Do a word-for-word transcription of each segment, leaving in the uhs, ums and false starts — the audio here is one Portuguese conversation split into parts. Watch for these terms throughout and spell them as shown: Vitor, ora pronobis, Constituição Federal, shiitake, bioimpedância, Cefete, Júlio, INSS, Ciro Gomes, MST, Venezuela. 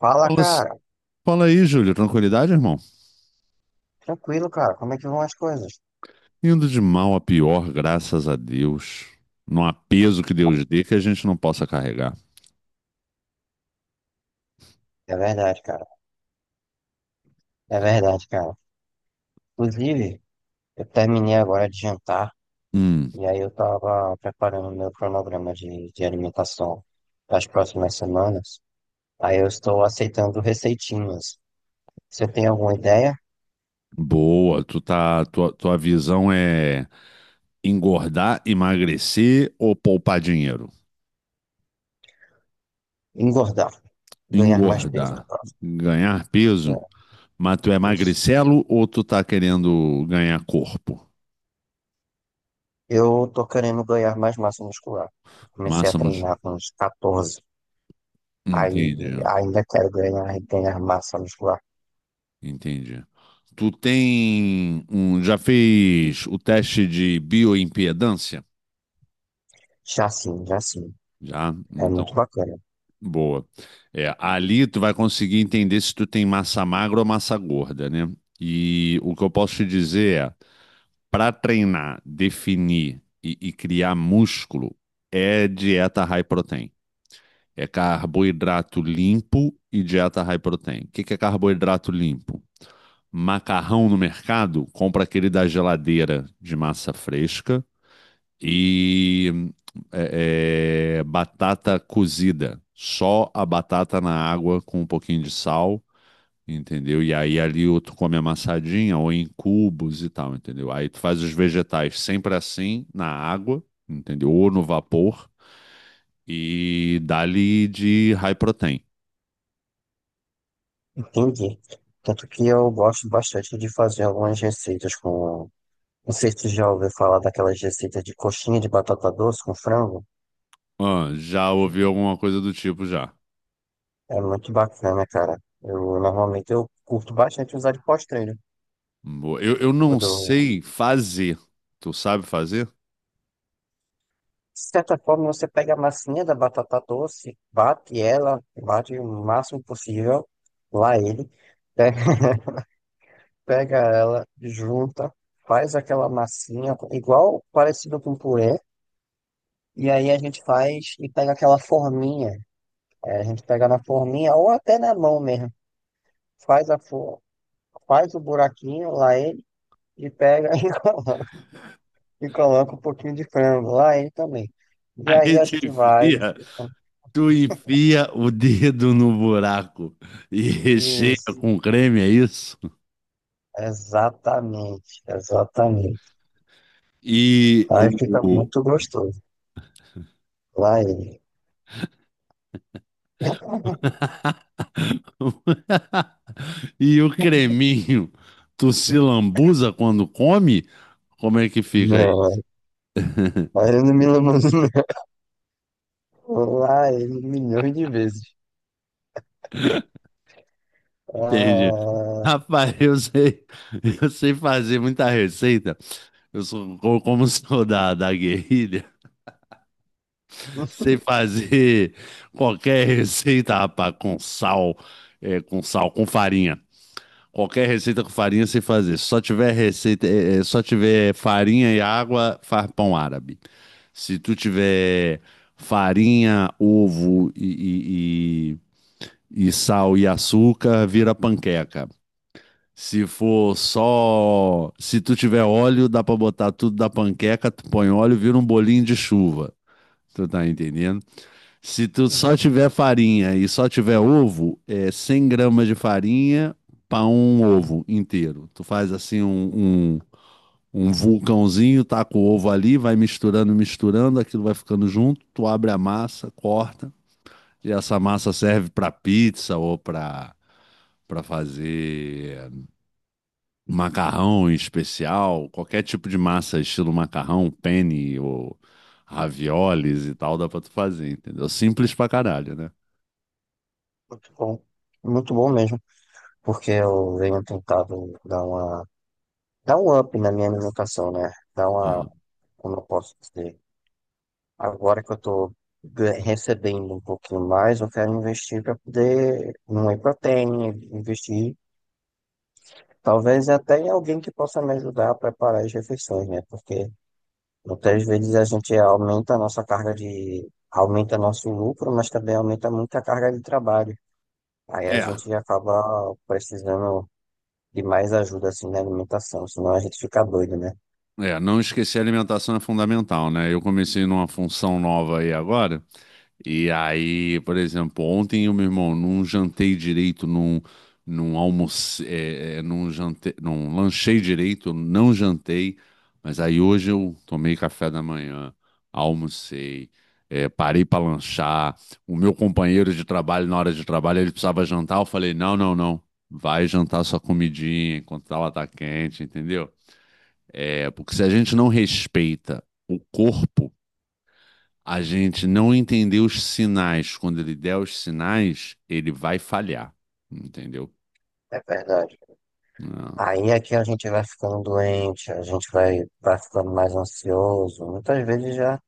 Fala, Fala, cara. fala aí, Júlio. Tranquilidade, irmão? Tranquilo, cara. Como é que vão as coisas? Indo de mal a pior, graças a Deus. Não há peso que Deus dê que a gente não possa carregar. É verdade, cara. É verdade, cara. Inclusive, eu terminei agora de jantar Hum, e aí eu tava preparando o meu cronograma de, de alimentação para as próximas semanas. Aí eu estou aceitando receitinhas. Você tem alguma ideia? boa. Tu tá, tua, tua visão é engordar, emagrecer ou poupar dinheiro? Engordar. Ganhar mais peso, no Engordar, caso. ganhar peso, mas tu é É, isso. magricelo ou tu tá querendo ganhar corpo? Eu tô querendo ganhar mais massa muscular. Comecei a Massa, mus- treinar com uns quatorze. entendi. Aí ainda quero ganhar, ganhar massa muscular. Entendi. Tu tem um, já fez o teste de bioimpedância? Já sim, já sim. Já? É Então, muito bacana. boa. É, ali tu vai conseguir entender se tu tem massa magra ou massa gorda, né? E o que eu posso te dizer é, para treinar, definir e, e criar músculo, é dieta high protein. É carboidrato limpo e dieta high protein. O que que é carboidrato limpo? Macarrão no mercado, compra aquele da geladeira de massa fresca e é, é, batata cozida. Só a batata na água com um pouquinho de sal, entendeu? E aí ali ou tu come amassadinha ou em cubos e tal, entendeu? Aí tu faz os vegetais sempre assim, na água, entendeu? Ou no vapor e dá-lhe de high protein. Entendi. Tanto que eu gosto bastante de fazer algumas receitas com. Não sei se tu já ouviu falar daquelas receitas de coxinha de batata doce com frango. Ah, já Que ouvi alguma coisa do tipo já. é muito bacana, cara. Eu normalmente eu curto bastante usar de pós-treino. Boa. Eu, eu não Quando eu- sei fazer. Tu sabe fazer? De certa forma, você pega a massinha da batata doce, bate ela, bate o máximo possível, lá ele. Né? Pega ela, junta, faz aquela massinha, igual parecido com purê, e aí a gente faz e pega aquela forminha. É, a gente pega na forminha ou até na mão mesmo. Faz a for... Faz o buraquinho lá ele e pega e coloca, e coloca um pouquinho de frango lá ele também. E Aí aí a tu gente vai enfia, tu enfia o dedo no buraco e recheia isso. com creme, é isso? Exatamente, exatamente. E Aí fica o, muito gostoso. Lá ele. e o creminho, tu se lambuza quando come? Como é que fica aí? Não, aí ele não me lembrou. Não. Lá ele milhões de vezes. Entende? Ah, Rapaz, eu sei, eu sei fazer muita receita. Eu sou co- como sou da, da guerrilha. enfim, Sei fazer qualquer receita, rapaz, com sal, é, com sal, com farinha. Qualquer receita com farinha sei fazer. Se só tiver receita, é, é, só tiver farinha e água, faz pão árabe. Se tu tiver farinha, ovo e, e, e- e sal e açúcar, vira panqueca. Se for só, se tu tiver óleo, dá pra botar tudo da panqueca, tu põe óleo, vira um bolinho de chuva. Tu tá entendendo? Se tu só tiver farinha e só tiver ovo, é cem gramas de farinha para um ovo inteiro. Tu faz assim um, um, um vulcãozinho, taca o ovo ali, vai misturando, misturando, aquilo vai ficando junto. Tu abre a massa, corta, e essa massa serve para pizza ou para para fazer macarrão especial, qualquer tipo de massa, estilo macarrão, penne ou raviolis e tal, dá para tu fazer, entendeu? Simples pra caralho, né? muito bom. Muito bom mesmo, porque eu venho tentado dar uma, dar um up na minha alimentação, né? Dar uma, Aham. como eu posso dizer, agora que eu tô ga- recebendo um pouquinho mais, eu quero investir para poder, numa proteína, investir, talvez até em alguém que possa me ajudar a preparar as refeições, né? Porque muitas vezes a gente aumenta a nossa carga de, aumenta nosso lucro, mas também aumenta muito a carga de trabalho. Aí a É, gente acaba precisando de mais ajuda assim na alimentação, senão a gente fica doido, né? É, não esquecer a alimentação é fundamental, né? Eu comecei numa função nova aí agora, e aí, por exemplo, ontem eu, meu irmão, não jantei direito, não, não almocei, é, é, não jantei, não lanchei direito, não jantei, mas aí hoje eu tomei café da manhã, almocei, é, parei para lanchar. O meu companheiro de trabalho, na hora de trabalho, ele precisava jantar, eu falei, não, não, não, vai jantar sua comidinha enquanto ela tá quente, entendeu? É, porque se a gente não respeita o corpo, a gente não entender os sinais, quando ele der os sinais, ele vai falhar. Entendeu? É verdade. Não. Aí aqui a gente vai ficando doente, a gente vai, vai ficando mais ansioso. Muitas vezes já,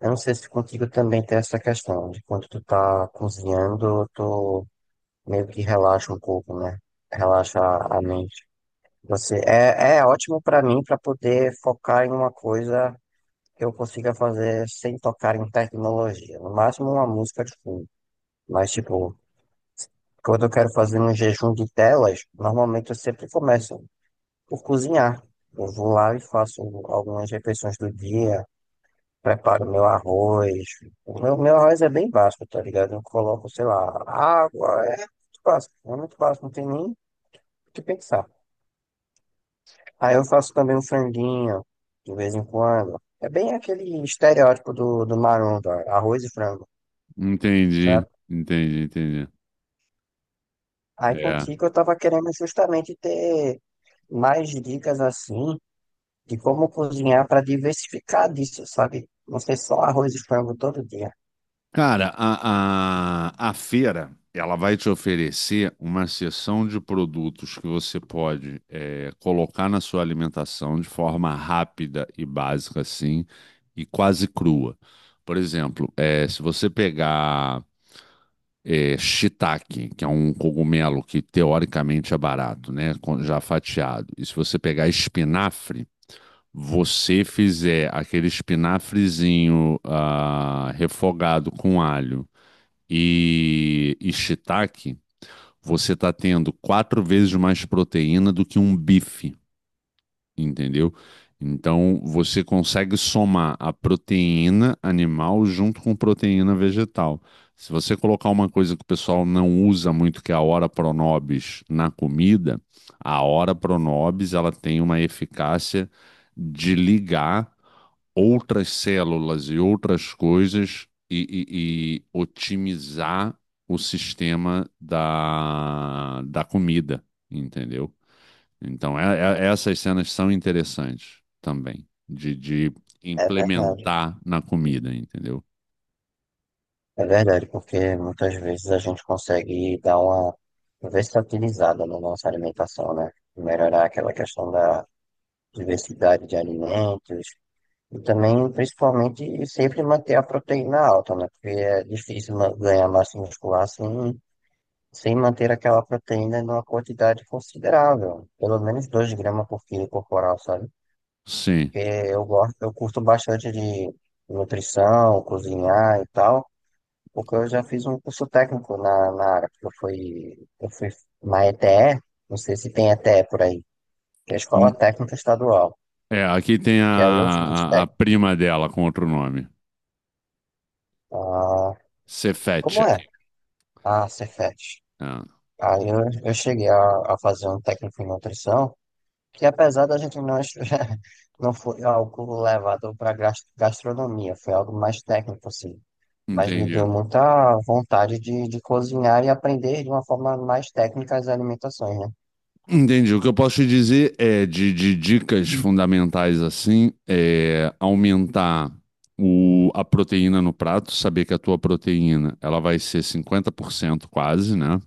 eu não sei se contigo também tem essa questão de quando tu tá cozinhando, tu meio que relaxa um pouco, né? Relaxa a mente. Você é, é ótimo pra mim pra poder focar em uma coisa que eu consiga fazer sem tocar em tecnologia. No máximo uma música de fundo. Mas, tipo, quando eu quero fazer um jejum de telas, normalmente eu sempre começo por cozinhar. Eu vou lá e faço algumas refeições do dia, preparo meu arroz. O meu, meu arroz é bem básico, tá ligado? Eu coloco, sei lá, água, é muito básico, é muito básico, não tem nem o que pensar. Aí eu faço também um franguinho, de vez em quando. É bem aquele estereótipo do, do maromba, arroz e frango, Entendi, sabe? entendi, entendi. Aí É. contigo eu tava querendo justamente ter mais dicas assim de como cozinhar para diversificar disso, sabe? Não ser só arroz e frango todo dia. Cara, a, a, a feira, ela vai te oferecer uma seção de produtos que você pode é, colocar na sua alimentação de forma rápida e básica, assim, e quase crua. Por exemplo, é, se você pegar é, shiitake, que é um cogumelo que teoricamente é barato, né? com- Já fatiado. E se você pegar espinafre, você fizer aquele espinafrezinho ah, refogado com alho e, e shiitake, você está tendo quatro vezes mais proteína do que um bife, entendeu? Então você consegue somar a proteína animal junto com proteína vegetal. Se você colocar uma coisa que o pessoal não usa muito, que é a ora pronobis, na comida, a ora pronobis ela tem uma eficácia de ligar outras células e outras coisas e, e- e otimizar o sistema da, da comida, entendeu? Então, é- é- essas cenas são interessantes também, de, de É verdade. implementar na comida, entendeu? É verdade, porque muitas vezes a gente consegue dar uma versatilizada na nossa alimentação, né? Melhorar aquela questão da diversidade de alimentos e também, principalmente, sempre manter a proteína alta, né? Porque é difícil ma- ganhar massa muscular sem, sem manter aquela proteína numa quantidade considerável, pelo menos dois gramas por quilo corporal, sabe? Sim. Eu gosto, eu curto bastante de nutrição, cozinhar e tal, porque eu já fiz um curso técnico na, na área, porque eu fui, eu fui na E T E, não sei se tem E T E por aí, que é a Escola N- Técnica Estadual, É, aqui tem a, que aí eu fiz a, a técnico. prima dela com outro nome. Ah, Cefete como é? aqui. Ah, Cefet. Ah, Aí eu, eu cheguei a, a fazer um técnico em nutrição, que apesar da gente não, estu- não foi algo levado para gastronomia, foi algo mais técnico, assim. Mas me entendi. deu muita vontade de, de cozinhar e aprender de uma forma mais técnica as alimentações, né? Entendi. O que eu posso te dizer é de, de dicas fundamentais assim, é aumentar o, a proteína no prato, saber que a tua proteína ela vai ser cinquenta por cento quase, né?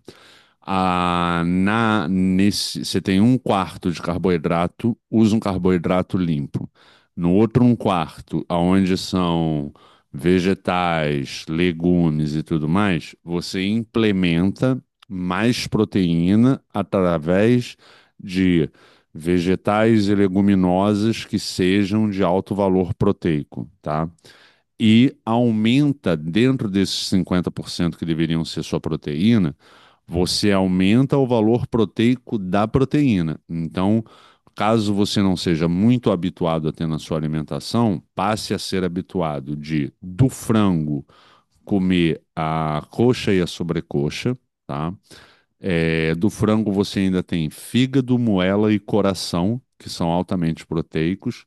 Ah, na, nesse, você tem um quarto de carboidrato, usa um carboidrato limpo. No outro um quarto, aonde são vegetais, legumes e tudo mais, você implementa mais proteína através de vegetais e leguminosas que sejam de alto valor proteico, tá? E aumenta dentro desses cinquenta por cento que deveriam ser sua proteína, você aumenta o valor proteico da proteína. Então, caso você não seja muito habituado a ter na sua alimentação, passe a ser habituado de do frango, comer a coxa e a sobrecoxa, tá? É, do frango você ainda tem fígado, moela e coração, que são altamente proteicos,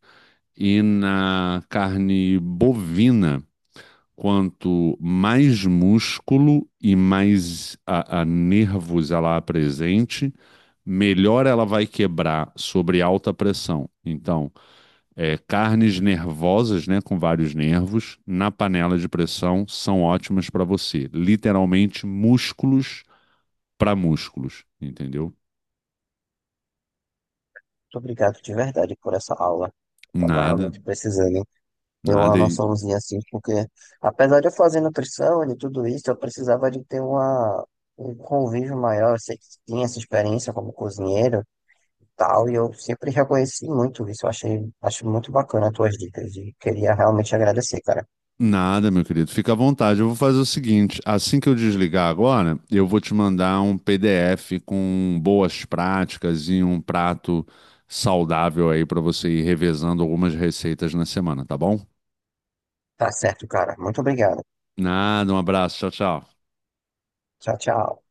e na carne bovina quanto mais músculo e mais a, a nervos ela apresente, melhor ela vai quebrar sobre alta pressão. Então, é, carnes nervosas, né, com vários nervos, na panela de pressão são ótimas para você. Literalmente músculos para músculos, entendeu? Muito obrigado de verdade por essa aula. Estava Nada, realmente precisando ter uma nada. E noçãozinha assim, porque apesar de eu fazer nutrição e tudo isso, eu precisava de ter uma, um convívio maior. Eu sei que tinha essa experiência como cozinheiro, tal, e eu sempre reconheci muito isso. Eu achei, acho muito bacana as tuas dicas e queria realmente agradecer, cara. nada, meu querido. Fica à vontade. Eu vou fazer o seguinte: assim que eu desligar agora, eu vou te mandar um P D F com boas práticas e um prato saudável aí para você ir revezando algumas receitas na semana, tá bom? Tá certo, cara. Muito obrigado. Nada, um abraço. Tchau, tchau. Tchau, tchau.